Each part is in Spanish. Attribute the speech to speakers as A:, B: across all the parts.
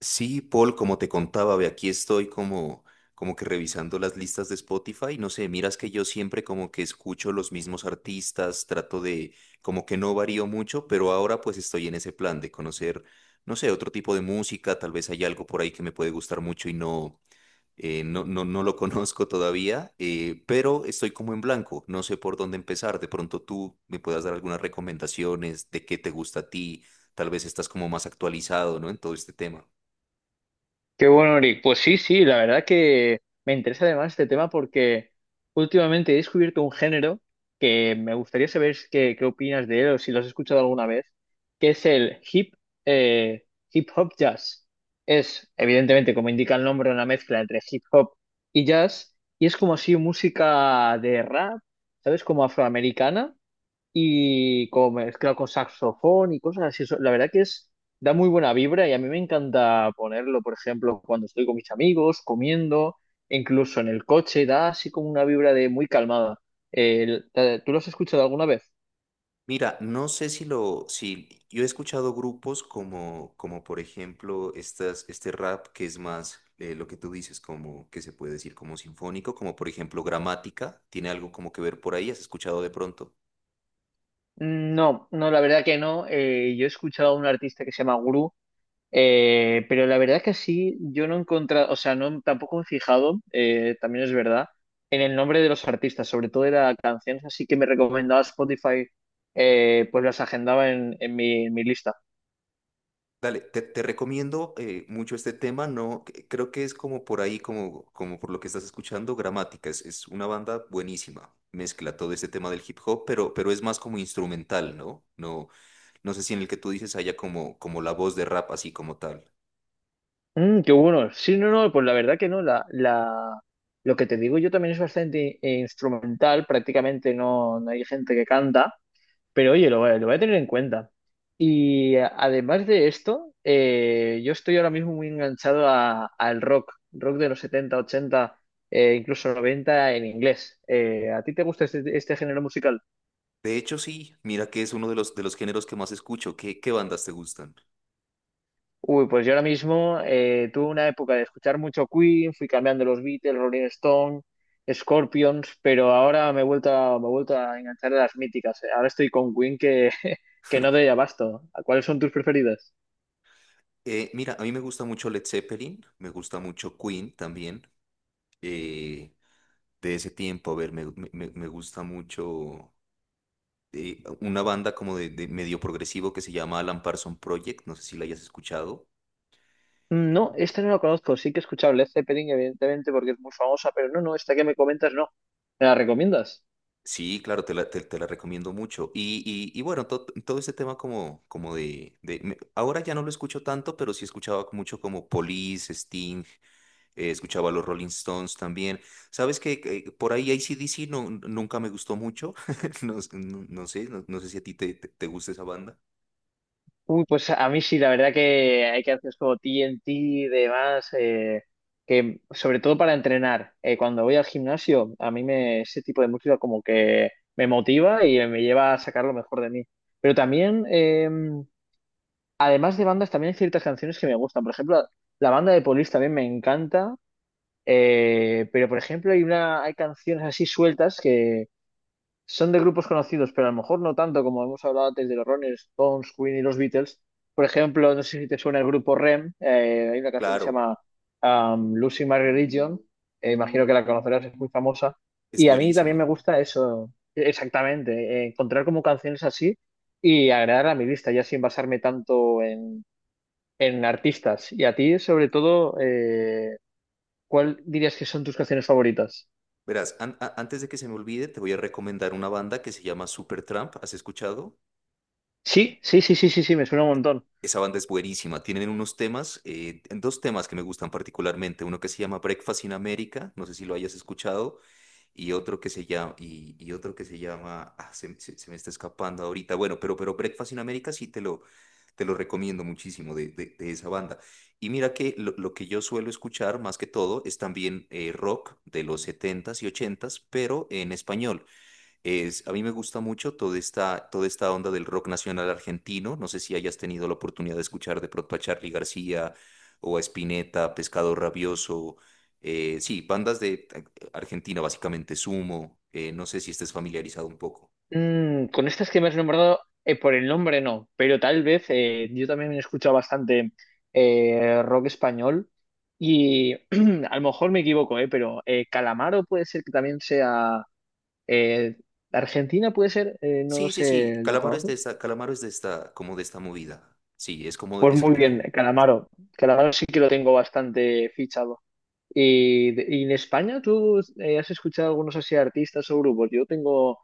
A: Sí, Paul, como te contaba, ve, aquí estoy como que revisando las listas de Spotify. No sé, miras que yo siempre como que escucho los mismos artistas, trato de, como que no varío mucho, pero ahora pues estoy en ese plan de conocer, no sé, otro tipo de música, tal vez hay algo por ahí que me puede gustar mucho y no, no, no, no lo conozco todavía, pero estoy como en blanco, no sé por dónde empezar. De pronto tú me puedas dar algunas recomendaciones de qué te gusta a ti, tal vez estás como más actualizado, ¿no? En todo este tema.
B: Qué bueno, Eric. Pues sí, sí, la verdad que me interesa además este tema porque últimamente he descubierto un género que me gustaría saber qué opinas de él o si lo has escuchado alguna vez, que es el eh, hip hop jazz. Es, evidentemente, como indica el nombre, una mezcla entre hip hop y jazz y es como así música de rap, ¿sabes? Como afroamericana y como mezclado con saxofón y cosas así. La verdad que da muy buena vibra y a mí me encanta ponerlo, por ejemplo, cuando estoy con mis amigos, comiendo, incluso en el coche, da así como una vibra de muy calmada. ¿Tú lo has escuchado alguna vez?
A: Mira, no sé si yo he escuchado grupos como por ejemplo estas, este rap que es más lo que tú dices, como que se puede decir como sinfónico, como por ejemplo Gramática, tiene algo como que ver por ahí, ¿has escuchado de pronto?
B: No, no, la verdad que no. Yo he escuchado a un artista que se llama Guru. Pero la verdad que sí, yo no he encontrado, o sea, no, tampoco me he fijado, también es verdad, en el nombre de los artistas, sobre todo de las canciones, así que me recomendaba Spotify, pues las agendaba en mi lista.
A: Dale, te recomiendo mucho este tema, no, creo que es como por ahí, como, como por lo que estás escuchando, Gramática, es una banda buenísima, mezcla todo este tema del hip hop, pero es más como instrumental, ¿no? No, no sé si en el que tú dices haya como la voz de rap así como tal.
B: Mm, qué bueno. Sí, no, no, pues la verdad que no, lo que te digo yo también es bastante instrumental, prácticamente no, no hay gente que canta. Pero oye, lo voy a tener en cuenta. Además de esto, yo estoy ahora mismo muy enganchado al rock de los 70 ochenta, incluso 90 en inglés. ¿A ti te gusta este género musical?
A: De hecho, sí, mira que es uno de de los géneros que más escucho, qué bandas te gustan?
B: Uy, pues yo ahora mismo tuve una época de escuchar mucho Queen, fui cambiando los Beatles, Rolling Stone, Scorpions, pero ahora me he vuelto a enganchar a las míticas. Ahora estoy con Queen que, que no doy abasto. ¿Cuáles son tus preferidas?
A: Mira, a mí me gusta mucho Led Zeppelin, me gusta mucho Queen también, eh, de ese tiempo, a ver, me gusta mucho... una banda como de medio progresivo que se llama Alan Parsons Project, no sé si la hayas escuchado.
B: No, esta no la conozco. Sí que he escuchado Led Zeppelin, evidentemente, porque es muy famosa, pero no, no, esta que me comentas no. ¿Me la recomiendas?
A: Sí, claro, te la recomiendo mucho. Y, y bueno, todo ese tema como, ahora ya no lo escucho tanto, pero sí escuchaba mucho como Police, Sting, escuchaba los Rolling Stones también. Sabes que por ahí C D C no, nunca me gustó mucho. No, no sé, no, no sé si a ti te gusta esa banda.
B: Uy, pues a mí sí, la verdad que hay canciones como TNT y demás, que sobre todo para entrenar. Cuando voy al gimnasio, ese tipo de música como que me motiva y me lleva a sacar lo mejor de mí. Pero también, además de bandas, también hay ciertas canciones que me gustan. Por ejemplo, la banda de Police también me encanta. Pero, por ejemplo, hay hay canciones así sueltas que son de grupos conocidos, pero a lo mejor no tanto como hemos hablado antes de los Rolling Stones, Queen y los Beatles. Por ejemplo, no sé si te suena el grupo REM. Hay una canción que se
A: Claro,
B: llama Lucy My Religion. Imagino que la conocerás, es muy famosa.
A: es
B: Y a mí también
A: buenísima.
B: me gusta eso, exactamente, encontrar como canciones así y agregar a mi lista, ya sin basarme tanto en artistas. Y a ti, sobre todo, ¿cuál dirías que son tus canciones favoritas?
A: Verás, antes de que se me olvide, te voy a recomendar una banda que se llama Supertramp. ¿Has escuchado?
B: Sí, sí, sí, sí, sí, sí, me suena un montón.
A: Esa banda es buenísima. Tienen unos temas, dos temas que me gustan particularmente. Uno que se llama Breakfast in America, no sé si lo hayas escuchado, y otro que se llama, y otro que se llama, ah, se me está escapando ahorita. Bueno, pero Breakfast in America sí te lo recomiendo muchísimo de esa banda. Y mira que lo que yo suelo escuchar más que todo es también rock de los setentas y ochentas, pero en español. Es, a mí me gusta mucho toda esta onda del rock nacional argentino. No sé si hayas tenido la oportunidad de escuchar de pronto a Charly García o a Spinetta, Pescado Rabioso. Sí, bandas de Argentina, básicamente Sumo. No sé si estés familiarizado un poco.
B: Mm, con estas que me has nombrado, por el nombre no, pero tal vez yo también he escuchado bastante rock español y a lo mejor me equivoco, pero Calamaro puede ser que también sea eh, Argentina, puede ser. No lo
A: Sí, sí, sí.
B: sé, ¿lo conoces?
A: Calamaro es de esta, como de esta movida. Sí, es como,
B: Pues
A: es,
B: muy bien, Calamaro. Calamaro sí que lo tengo bastante fichado. Y en España, ¿tú has escuchado algunos así artistas o grupos? Yo tengo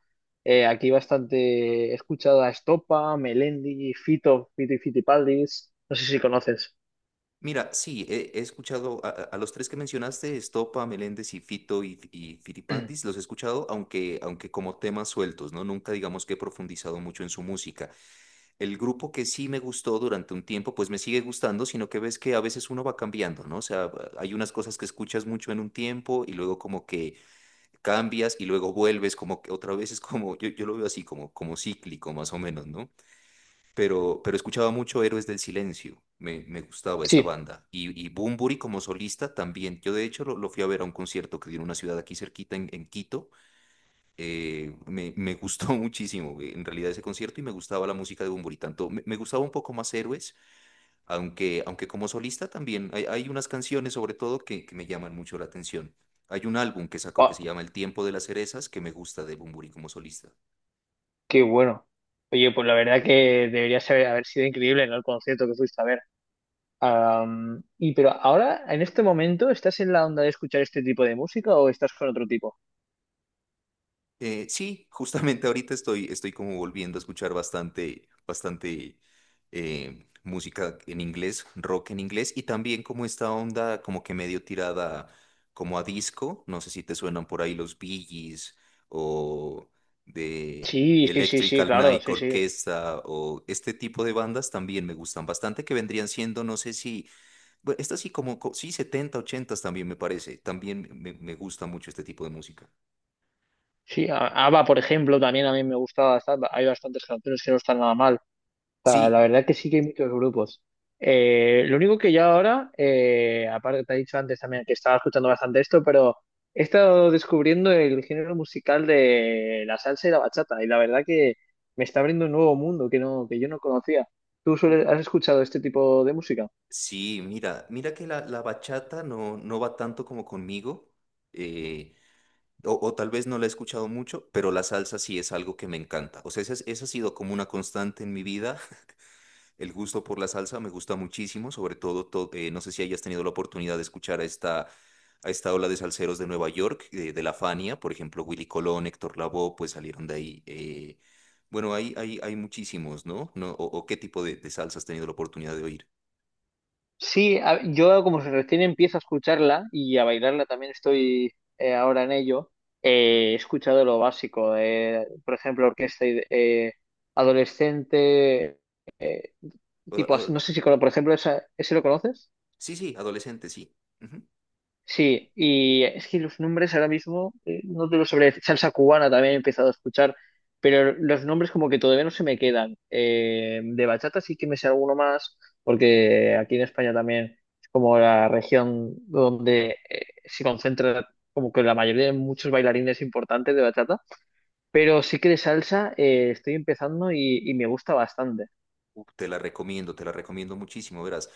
B: aquí bastante, he escuchado a Estopa, Melendi, Fito, Fito y Fitipaldis, no sé si conoces.
A: mira, sí, he escuchado a, a los tres que mencionaste, Estopa, Meléndez y Fito y Fitipaldis, los he escuchado, aunque como temas sueltos, ¿no? Nunca digamos que he profundizado mucho en su música. El grupo que sí me gustó durante un tiempo, pues me sigue gustando, sino que ves que a veces uno va cambiando, ¿no? O sea, hay unas cosas que escuchas mucho en un tiempo y luego como que cambias y luego vuelves como que otra vez es como, yo lo veo así, como, como cíclico más o menos, ¿no? Pero pero, escuchaba mucho Héroes del Silencio, me gustaba esa
B: Sí.
A: banda. Y Bunbury como solista también. Yo de hecho lo fui a ver a un concierto que dio en una ciudad aquí cerquita, en Quito. Me gustó muchísimo en realidad ese concierto y me gustaba la música de Bunbury. Tanto me gustaba un poco más Héroes, aunque como solista también hay unas canciones sobre todo que me llaman mucho la atención. Hay un álbum que sacó que se
B: Ah,
A: llama El tiempo de las cerezas que me gusta de Bunbury como solista.
B: qué bueno. Oye, pues la verdad que haber sido increíble, ¿no? El concierto que fuiste a ver. Y pero ahora, en este momento, ¿estás en la onda de escuchar este tipo de música o estás con otro tipo?
A: Sí, justamente ahorita estoy, estoy como volviendo a escuchar bastante, bastante música en inglés, rock en inglés, y también como esta onda como que medio tirada como a disco, no sé si te suenan por ahí los Bee Gees o de
B: Sí, sí, sí, sí,
A: Electrical
B: claro,
A: Night
B: sí, sí.
A: Orchestra o este tipo de bandas también me gustan bastante que vendrían siendo, no sé si, bueno, estas sí como, sí, 70, 80 también me parece, también me gusta mucho este tipo de música.
B: Sí, ABBA, por ejemplo, también a mí me gusta bastante. Hay bastantes canciones que no están nada mal. Sea, la
A: Sí,
B: verdad que sí que hay muchos grupos. Lo único que yo ahora, aparte te he dicho antes también que estaba escuchando bastante esto, pero he estado descubriendo el género musical de la salsa y la bachata, y la verdad que me está abriendo un nuevo mundo que no, que yo no conocía. ¿Tú has escuchado este tipo de música?
A: sí, mira, mira que la bachata no, no va tanto como conmigo, eh, o tal vez no la he escuchado mucho, pero la salsa sí es algo que me encanta. O sea, esa, esa ha sido como una constante en mi vida. El gusto por la salsa me gusta muchísimo, sobre todo, no sé si hayas tenido la oportunidad de escuchar a esta ola de salseros de Nueva York, de la Fania, por ejemplo, Willy Colón, Héctor Lavoe, pues salieron de ahí. Bueno, hay muchísimos, ¿no? ¿No? O qué tipo de salsa has tenido la oportunidad de
B: Sí, yo como recién empiezo a escucharla y a bailarla también estoy ahora en ello, he escuchado lo básico, por ejemplo, orquesta adolescente, eh, tipo,
A: oír?
B: no sé si, por ejemplo, ¿ese lo conoces?
A: Sí, sí, adolescente, sí. Ujú.
B: Sí, y es que los nombres ahora mismo no te los sabré decir. Salsa cubana también he empezado a escuchar, pero los nombres como que todavía no se me quedan. De bachata sí que me sé alguno más, porque aquí en España también es como la región donde se concentra como que la mayoría de muchos bailarines importantes de bachata, pero sí que de salsa estoy empezando y me gusta bastante.
A: Uf, te la recomiendo muchísimo, verás.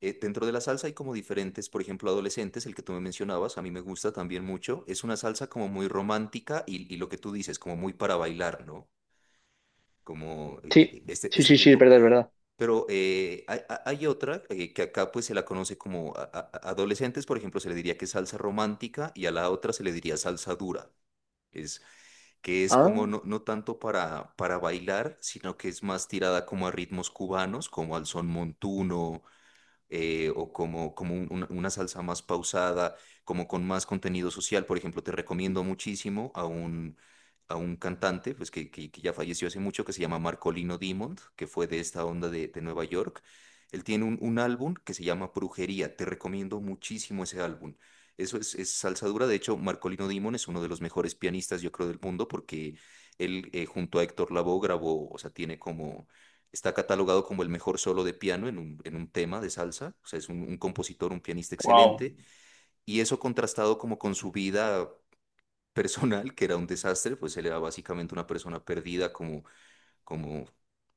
A: Dentro de la salsa hay como diferentes, por ejemplo, adolescentes, el que tú me mencionabas, a mí me gusta también mucho. Es una salsa como muy romántica y lo que tú dices, como muy para bailar, ¿no? Como
B: Sí, sí,
A: este
B: sí, sí, es
A: tipo.
B: verdad, es verdad.
A: Pero hay otra que acá pues se la conoce como adolescentes, por ejemplo, se le diría que es salsa romántica y a la otra se le diría salsa dura. Es, que es como
B: Ah,
A: no, no tanto para bailar, sino que es más tirada como a ritmos cubanos, como al son montuno, o como, una salsa más pausada, como con más contenido social. Por ejemplo, te recomiendo muchísimo a a un cantante pues, que ya falleció hace mucho, que se llama Marcolino Dimond, que fue de esta onda de Nueva York. Él tiene un álbum que se llama Brujería. Te recomiendo muchísimo ese álbum. Eso es salsa dura. De hecho, Marcolino Dimond es uno de los mejores pianistas, yo creo, del mundo, porque él junto a Héctor Lavoe grabó, o sea, tiene como está catalogado como el mejor solo de piano en un tema de salsa, o sea, es un compositor, un pianista
B: wow.
A: excelente, y eso contrastado como con su vida personal, que era un desastre, pues él era básicamente una persona perdida como, como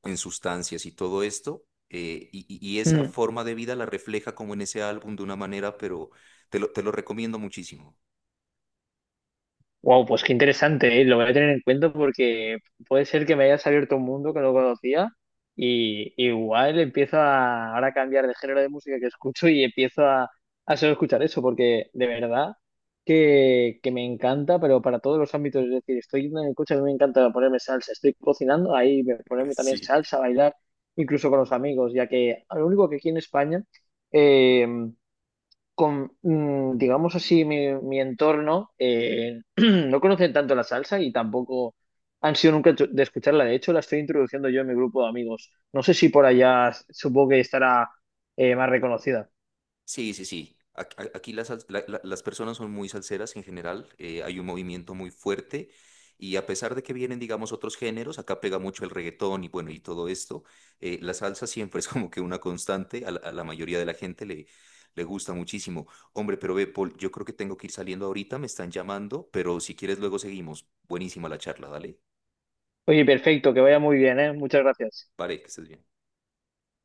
A: en sustancias y todo esto, y esa forma de vida la refleja como en ese álbum de una manera, pero te lo recomiendo muchísimo.
B: Wow, pues qué interesante, ¿eh? Lo voy a tener en cuenta porque puede ser que me hayas abierto un mundo que no conocía y igual empiezo a ahora a cambiar de género de música que escucho y empiezo a solo escuchar eso porque de verdad que me encanta, pero para todos los ámbitos, es decir, estoy yendo en el coche, a mí me encanta ponerme salsa, estoy cocinando, ponerme también
A: Sí.
B: salsa, bailar, incluso con los amigos, ya que lo único que aquí en España, eh, digamos así, mi entorno, no conocen tanto la salsa y tampoco han sido nunca de escucharla. De hecho, la estoy introduciendo yo en mi grupo de amigos. No sé si por allá supongo que estará más reconocida.
A: Sí, sí, sí. Aquí las, las personas son muy salseras en general, hay un movimiento muy fuerte y a pesar de que vienen, digamos, otros géneros, acá pega mucho el reggaetón y bueno, y todo esto, la salsa siempre es como que una constante, a la mayoría de la gente le gusta muchísimo. Hombre, pero ve, Paul, yo creo que tengo que ir saliendo ahorita, me están llamando, pero si quieres luego seguimos. Buenísima la charla, dale.
B: Oye, perfecto, que vaya muy bien, ¿eh? Muchas gracias.
A: Vale, que estés bien.